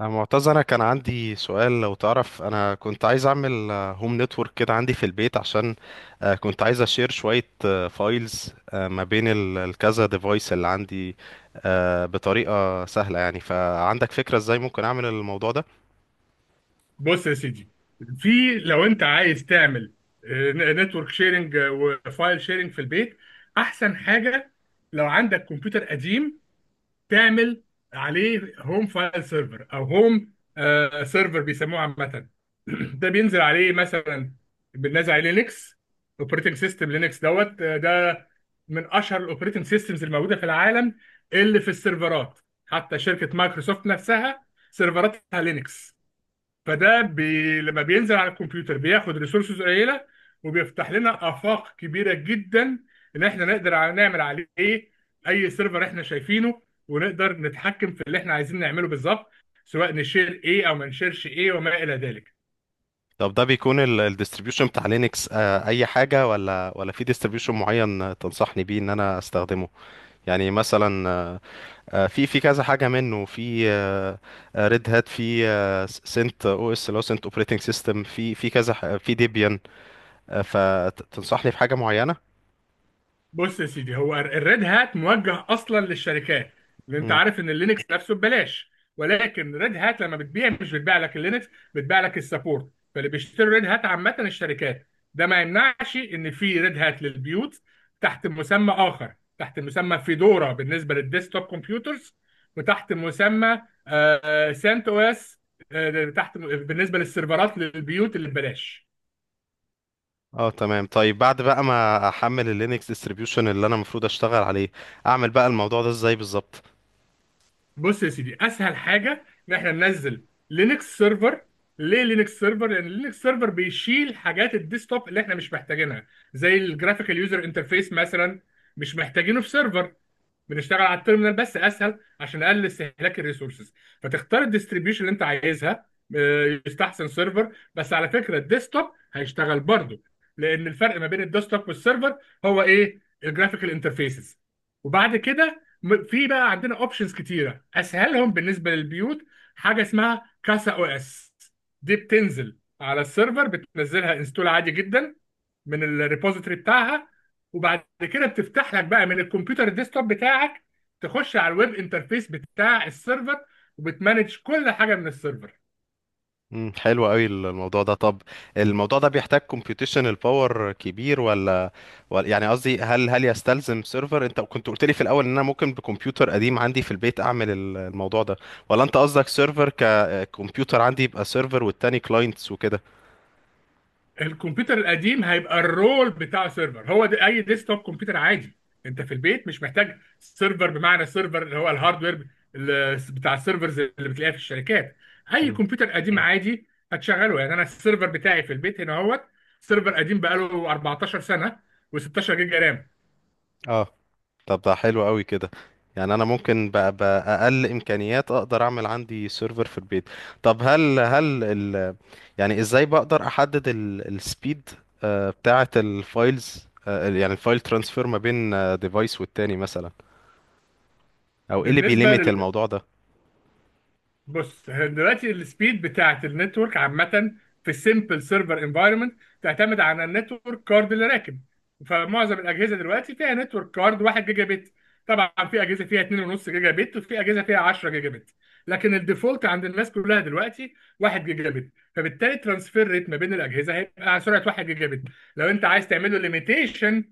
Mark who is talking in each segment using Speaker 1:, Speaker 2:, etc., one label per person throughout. Speaker 1: أنا معتز، أنا كان عندي سؤال لو تعرف. أنا كنت عايز أعمل هوم نتورك كده عندي في البيت عشان كنت عايز أشير شوية فايلز ما بين الكذا ديفايس اللي عندي، بطريقة سهلة. يعني فعندك فكرة إزاي ممكن أعمل الموضوع ده؟
Speaker 2: بص يا سيدي، في لو انت عايز تعمل نتورك شيرنج وفايل شيرنج في البيت، احسن حاجه لو عندك كمبيوتر قديم تعمل عليه هوم فايل سيرفر او هوم سيرفر بيسموه عامه. ده بينزل عليه مثلا، بننزل عليه لينكس اوبريتنج سيستم. لينكس دوت آه، ده من اشهر الاوبريتنج سيستمز الموجوده في العالم اللي في السيرفرات. حتى شركه مايكروسوفت نفسها سيرفراتها لينكس. لما بينزل على الكمبيوتر بياخد ريسورسز قليله، وبيفتح لنا افاق كبيره جدا ان احنا نقدر نعمل عليه اي سيرفر احنا شايفينه، ونقدر نتحكم في اللي احنا عايزين نعمله بالظبط، سواء نشير ايه او ما نشيرش ايه وما الى ذلك.
Speaker 1: طب ده بيكون الديستريبيوشن بتاع لينكس أي حاجة ولا في ديستريبيوشن معين تنصحني بيه إن أنا أستخدمه؟ يعني مثلا، في كذا حاجه منه، في ريد هات، في سنت او اس اللي هو سنت اوبريتنج سيستم، في في ديبيان. فتنصحني في حاجه معينه؟
Speaker 2: بص يا سيدي، هو الريد هات موجه اصلا للشركات، لان انت
Speaker 1: مم.
Speaker 2: عارف ان اللينكس نفسه ببلاش. ولكن ريد هات لما بتبيع مش بتبيع لك اللينكس، بتبيع لك السبورت. فاللي بيشتري ريد هات عامه الشركات. ده ما يمنعش ان في ريد هات للبيوت تحت مسمى اخر، تحت مسمى فيدورا بالنسبه للديسكتوب كمبيوترز، وتحت مسمى سانت او اس تحت بالنسبه للسيرفرات للبيوت اللي ببلاش.
Speaker 1: اه تمام. طيب بعد بقى ما احمل اللينكس ديستريبيوشن اللي انا المفروض اشتغل عليه، اعمل بقى الموضوع ده ازاي بالظبط؟
Speaker 2: بص يا سيدي، اسهل حاجه ان احنا ننزل لينكس سيرفر. ليه لينكس سيرفر؟ لان لينكس سيرفر بيشيل حاجات الديسktop اللي احنا مش محتاجينها زي الجرافيكال يوزر انترفيس مثلا، مش محتاجينه في سيرفر. بنشتغل على التيرمينال بس، اسهل عشان نقلل استهلاك الريسورسز. فتختار الديستريبيوشن اللي انت عايزها، يستحسن سيرفر، بس على فكره الديسktop هيشتغل برضه، لان الفرق ما بين الديسktop والسيرفر هو ايه؟ الجرافيكال انترفيسز. وبعد كده في بقى عندنا اوبشنز كتيره، اسهلهم بالنسبه للبيوت حاجه اسمها كاسا او اس. دي بتنزل على السيرفر، بتنزلها انستول عادي جدا من الريبوزيتوري بتاعها، وبعد كده بتفتح لك بقى من الكمبيوتر الديسكتوب بتاعك، تخش على الويب انترفيس بتاع السيرفر، وبتمانج كل حاجه من السيرفر.
Speaker 1: مم، حلو قوي الموضوع ده. طب الموضوع ده بيحتاج computational power كبير ولا يعني قصدي، هل يستلزم سيرفر؟ انت كنت قلت لي في الاول ان انا ممكن بكمبيوتر قديم عندي في البيت اعمل الموضوع ده، ولا انت قصدك سيرفر ككمبيوتر عندي يبقى سيرفر والتاني كلاينتس وكده؟
Speaker 2: الكمبيوتر القديم هيبقى الرول بتاع سيرفر، هو ده اي ديسكتوب كمبيوتر عادي. انت في البيت مش محتاج سيرفر بمعنى سيرفر، اللي هو الهاردوير بتاع السيرفرز اللي بتلاقيها في الشركات. اي
Speaker 1: مم.
Speaker 2: كمبيوتر قديم عادي هتشغله. يعني انا السيرفر بتاعي في البيت هنا اهوت، سيرفر قديم بقاله 14 سنه و16 جيجا رام.
Speaker 1: اه. طب ده حلو قوي كده. يعني انا ممكن باقل امكانيات اقدر اعمل عندي سيرفر في البيت. طب هل يعني ازاي بقدر احدد السبيد بتاعة الفايلز، يعني الفايل ترانسفير ما بين ديفايس والتاني مثلا؟ او ايه اللي
Speaker 2: بالنسبه
Speaker 1: بيليميت الموضوع ده؟
Speaker 2: بص، هي دلوقتي السبيد بتاعت النتورك عامة في السيمبل سيرفر انفايرمنت تعتمد على النتورك كارد اللي راكب. فمعظم الأجهزة دلوقتي فيها نتورك كارد 1 جيجا بت. طبعا في أجهزة فيها 2.5 جيجا بت، وفي أجهزة فيها 10 جيجا بت. لكن الديفولت عند الناس كلها دلوقتي 1 جيجا بت. فبالتالي ترانسفير ريت ما بين الأجهزة هيبقى على سرعة 1 جيجا بت. لو أنت عايز تعمله ليميتيشن،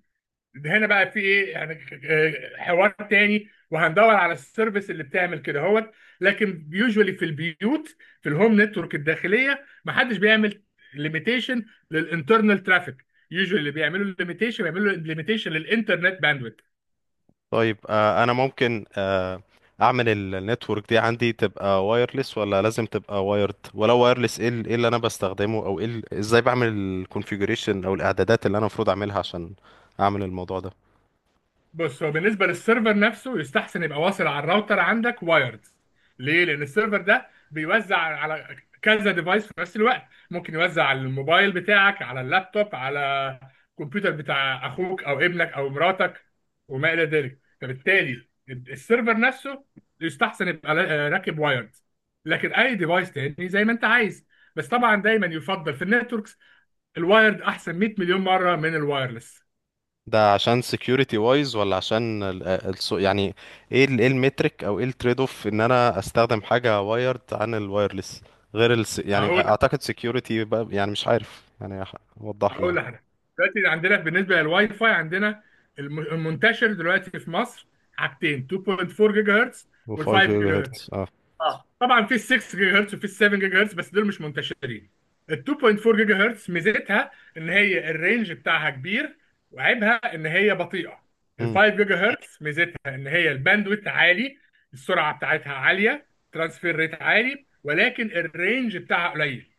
Speaker 2: ده هنا بقى في ايه يعني؟ حوار تاني، وهندور على السيرفيس اللي بتعمل كده هوت. لكن يوجوالي في البيوت، في الهوم نتورك الداخليه، ما حدش بيعمل ليميتيشن للانترنال ترافيك. يوجوالي اللي بيعملوا ليميتيشن بيعملوا ليميتيشن للانترنت باندويث.
Speaker 1: طيب انا ممكن اعمل النتورك دي عندي تبقى وايرلس ولا لازم تبقى وايرد؟ ولو وايرلس، ايه إيه اللي انا بستخدمه؟ او ايه ازاي بعمل الكونفيجريشن او الاعدادات اللي انا المفروض اعملها عشان اعمل الموضوع ده؟
Speaker 2: بص، هو بالنسبه للسيرفر نفسه يستحسن يبقى واصل على الراوتر عندك وايرد. ليه؟ لان السيرفر ده بيوزع على كذا ديفايس في نفس الوقت. ممكن يوزع على الموبايل بتاعك، على اللابتوب، على الكمبيوتر بتاع اخوك او ابنك او مراتك وما الى ذلك. فبالتالي السيرفر نفسه يستحسن يبقى راكب وايرد. لكن اي ديفايس تاني زي ما انت عايز. بس طبعا دايما يفضل في النتوركس، الوايرد احسن 100 مليون مره من الوايرلس.
Speaker 1: ده عشان security وايز ولا عشان ال ال يعني ايه ايه المترك او ايه التريد اوف ان انا استخدم حاجة وايرد عن الوايرلس؟ غير ال، يعني
Speaker 2: هقول
Speaker 1: اعتقد security بقى، يعني مش عارف، يعني وضح لي
Speaker 2: هقول
Speaker 1: يعني.
Speaker 2: لك، دلوقتي عندنا بالنسبه للواي فاي، عندنا المنتشر دلوقتي في مصر حاجتين: 2.4 جيجا هرتز
Speaker 1: و5
Speaker 2: وال5
Speaker 1: جيجا
Speaker 2: جيجا.
Speaker 1: هرتز، اه.
Speaker 2: اه، طبعا في ال 6 جيجا هرتز وفي ال 7 جيجا هرتز، بس دول مش منتشرين. ال 2.4 جيجا هرتز ميزتها ان هي الرينج بتاعها كبير، وعيبها ان هي بطيئه. ال
Speaker 1: امم.
Speaker 2: 5 جيجا هرتز ميزتها ان هي الباندويت عالي، السرعه بتاعتها عاليه، ترانسفير ريت عالي، ولكن الرينج بتاعها قليل.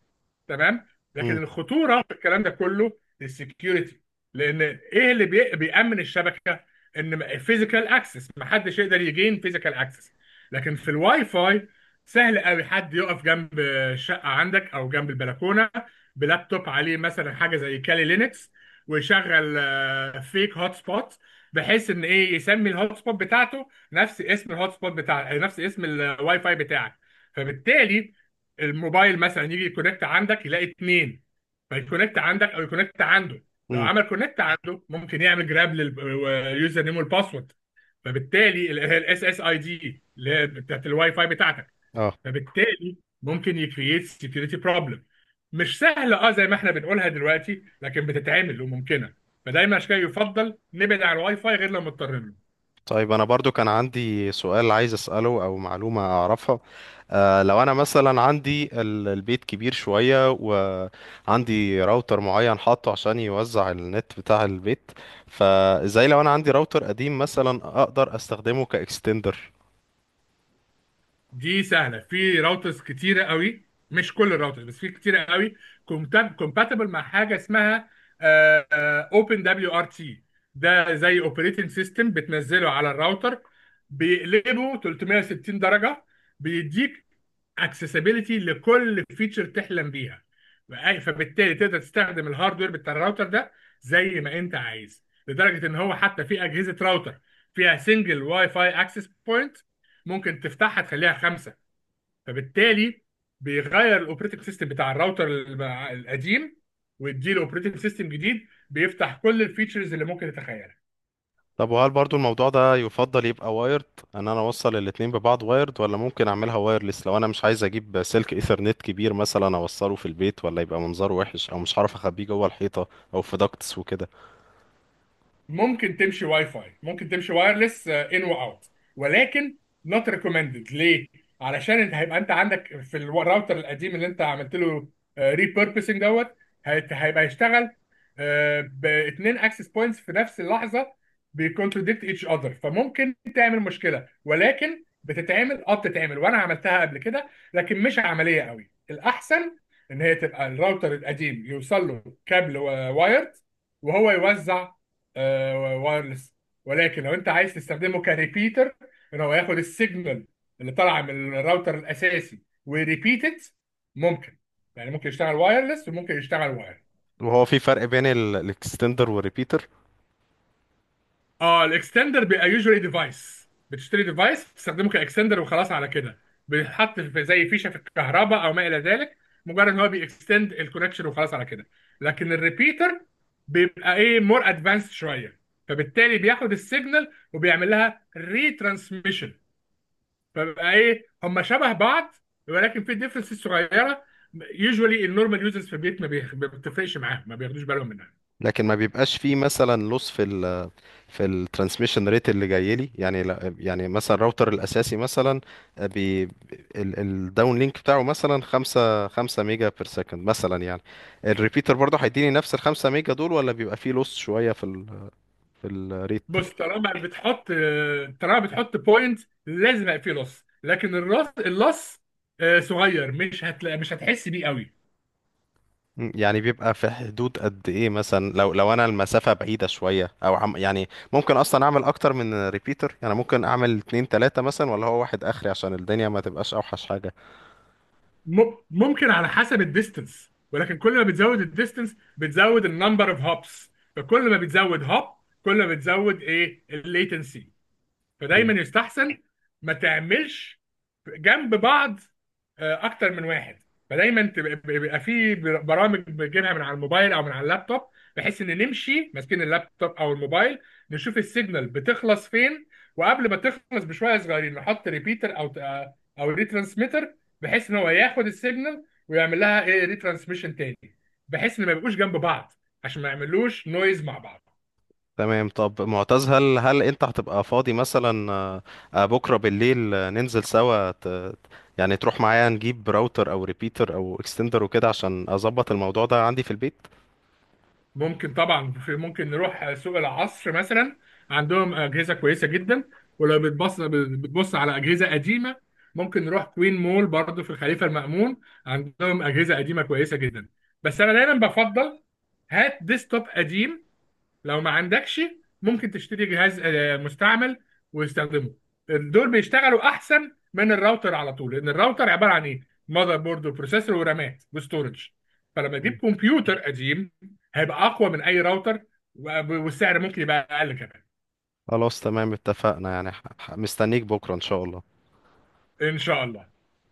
Speaker 2: تمام. لكن
Speaker 1: امم.
Speaker 2: الخطوره في الكلام ده كله السكيورتي. لان ايه اللي بيأمن الشبكه؟ ان فيزيكال اكسس محدش يقدر يجين فيزيكال اكسس. لكن في الواي فاي سهل قوي حد يقف جنب الشقه عندك او جنب البلكونه بلابتوب عليه مثلا حاجه زي كالي لينكس، ويشغل فيك هوت سبوت، بحيث ان ايه، يسمي الهوت سبوت بتاعته نفس اسم الهوت سبوت بتاع نفس اسم الواي فاي بتاعك. فبالتالي الموبايل مثلا يجي يكونكت عندك يلاقي اتنين، فيكونكت عندك او يكونكت عنده. لو
Speaker 1: امم.
Speaker 2: عمل كونكت عنده ممكن يعمل جراب لليوزر نيم والباسورد، فبالتالي الاس اس اي دي اللي هي بتاعت الواي فاي بتاعتك.
Speaker 1: اه.
Speaker 2: فبالتالي ممكن يكريت سكيورتي بروبلم. مش سهله اه زي ما احنا بنقولها دلوقتي، لكن بتتعمل وممكنه. فدايما عشان كده يفضل نبعد عن الواي فاي غير لما مضطرين له.
Speaker 1: طيب انا برضو كان عندي سؤال عايز اساله او معلومه اعرفها. آه، لو انا مثلا عندي البيت كبير شويه وعندي راوتر معين حاطه عشان يوزع النت بتاع البيت، فازاي لو انا عندي راوتر قديم مثلا اقدر استخدمه كاكستندر؟
Speaker 2: دي سهله، في راوترز كتيره قوي، مش كل الراوترز بس في كتيره قوي كومباتبل مع حاجه اسمها اوبن دبليو ار تي. ده زي اوبريتنج سيستم بتنزله على الراوتر، بيقلبه 360 درجه، بيديك اكسسبيليتي لكل فيتشر تحلم بيها. فبالتالي تقدر تستخدم الهاردوير بتاع الراوتر ده زي ما انت عايز، لدرجه ان هو حتى في اجهزه راوتر فيها سنجل واي فاي اكسس بوينت ممكن تفتحها تخليها خمسه. فبالتالي بيغير الاوبريتنج سيستم بتاع الراوتر القديم، ويديله اوبريتنج سيستم جديد بيفتح كل الفيتشرز اللي ممكن تتخيلها.
Speaker 1: طب وهل برضو الموضوع ده يفضل يبقى وايرد؟ ان انا اوصل الاتنين ببعض وايرد ولا ممكن اعملها وايرلس؟ لو انا مش عايز اجيب سلك ايثرنت كبير مثلا اوصله في البيت ولا يبقى منظره وحش، او مش هعرف اخبيه جوه الحيطه او في داكتس وكده.
Speaker 2: ممكن تمشي واي فاي، ممكن تمشي وايرلس ان واوت، ولكن نوت ريكومندد. ليه؟ علشان انت هيبقى انت عندك في الراوتر القديم اللي انت عملت له ريبيربسنج هيبقى يشتغل باثنين اكسس بوينتس في نفس اللحظه، بيكونتراديكت ايتش اذر، فممكن تعمل مشكله. ولكن بتتعمل، اه بتتعمل، وانا عملتها قبل كده، لكن مش عمليه قوي. الاحسن ان هي تبقى الراوتر القديم يوصل له كابل وايرد، وهو يوزع وايرلس. ولكن لو انت عايز تستخدمه كريبيتر، ان هو ياخد السيجنال اللي طالعه من الراوتر الاساسي وريبيتد، ممكن. يعني ممكن يشتغل وايرلس وممكن يشتغل واير.
Speaker 1: وهو في فرق بين الاكستندر والريبيتر؟
Speaker 2: اه، الاكستندر بيبقى يوجوالي ديفايس، بتشتري ديفايس بتستخدمه كاكستندر وخلاص على كده، بيتحط في زي فيشه في الكهرباء او ما الى ذلك. مجرد ان هو بيكستند الكونكشن وخلاص على كده. لكن الريبيتر بيبقى ايه؟ مور ادفانسد شويه. فبالتالي بياخد السيجنال وبيعمل لها ريترانسميشن. فبقى ايه؟ هم شبه بعض، ولكن في ديفرنسز صغيره. يوجوالي النورمال يوزرز في البيت ما بتفرقش معاهم، ما بياخدوش بالهم منها.
Speaker 1: لكن ما بيبقاش فيه مثلا لوس في في الترانسميشن ريت اللي جاي لي؟ يعني يعني مثلا الراوتر الاساسي مثلا، بي الداون لينك بتاعه مثلا 5 5 ميجا بير سكند مثلا، يعني الريبيتر برضه هيديني نفس ال 5 ميجا دول ولا بيبقى فيه لوس شويه في في الريت؟
Speaker 2: بص، طالما بتحط بوينت لازم يبقى فيه لص، لكن الراس اللص صغير، مش هتلاقي، مش هتحس بيه قوي.
Speaker 1: مم، يعني بيبقى في حدود قد ايه مثلا؟ لو انا المسافة بعيدة شوية او عم، يعني ممكن اصلا اعمل اكتر من ريبيتر؟ يعني ممكن اعمل اتنين تلاتة مثلا ولا هو واحد اخري عشان الدنيا ما تبقاش اوحش حاجة؟
Speaker 2: ممكن، على حسب الديستنس. ولكن كل ما بتزود الديستنس بتزود النمبر اوف هوبس. فكل ما بتزود هوب، كل ما بتزود ايه؟ الليتنسي.
Speaker 1: مم.
Speaker 2: فدايما يستحسن ما تعملش جنب بعض اكتر من واحد. فدايما بيبقى في برامج بنجيبها من على الموبايل او من على اللابتوب، بحيث ان نمشي ماسكين اللابتوب او الموبايل، نشوف السيجنال بتخلص فين، وقبل ما تخلص بشويه صغيرين نحط ريبيتر او ريترانسميتر، بحيث ان هو ياخد السيجنال ويعمل لها ايه، ريترانسميشن تاني، بحيث ان ما يبقوش جنب بعض عشان ما يعملوش نويز مع بعض.
Speaker 1: تمام. طب معتز، هل انت هتبقى فاضي مثلا، بكرة بالليل؟ ننزل سوا يعني تروح معايا نجيب راوتر او ريبيتر او اكستندر وكده عشان اظبط الموضوع ده عندي في البيت؟
Speaker 2: ممكن طبعا، ممكن نروح سوق العصر مثلا، عندهم اجهزه كويسه جدا. ولو بتبص على اجهزه قديمه، ممكن نروح كوين مول برضو في الخليفه المأمون، عندهم اجهزه قديمه كويسه جدا. بس انا دايما بفضل هات ديسكتوب قديم. لو ما عندكش ممكن تشتري جهاز مستعمل وتستخدمه. دول بيشتغلوا احسن من الراوتر على طول، لان الراوتر عباره عن ايه؟ ماذر بورد وبروسيسور ورامات وستورج. فلما تجيب
Speaker 1: مم.
Speaker 2: كمبيوتر قديم هيبقى اقوى من اي راوتر، والسعر ممكن يبقى اقل كمان.
Speaker 1: خلاص، تمام، اتفقنا. يعني مستنيك بكرة ان شاء الله.
Speaker 2: ان شاء الله.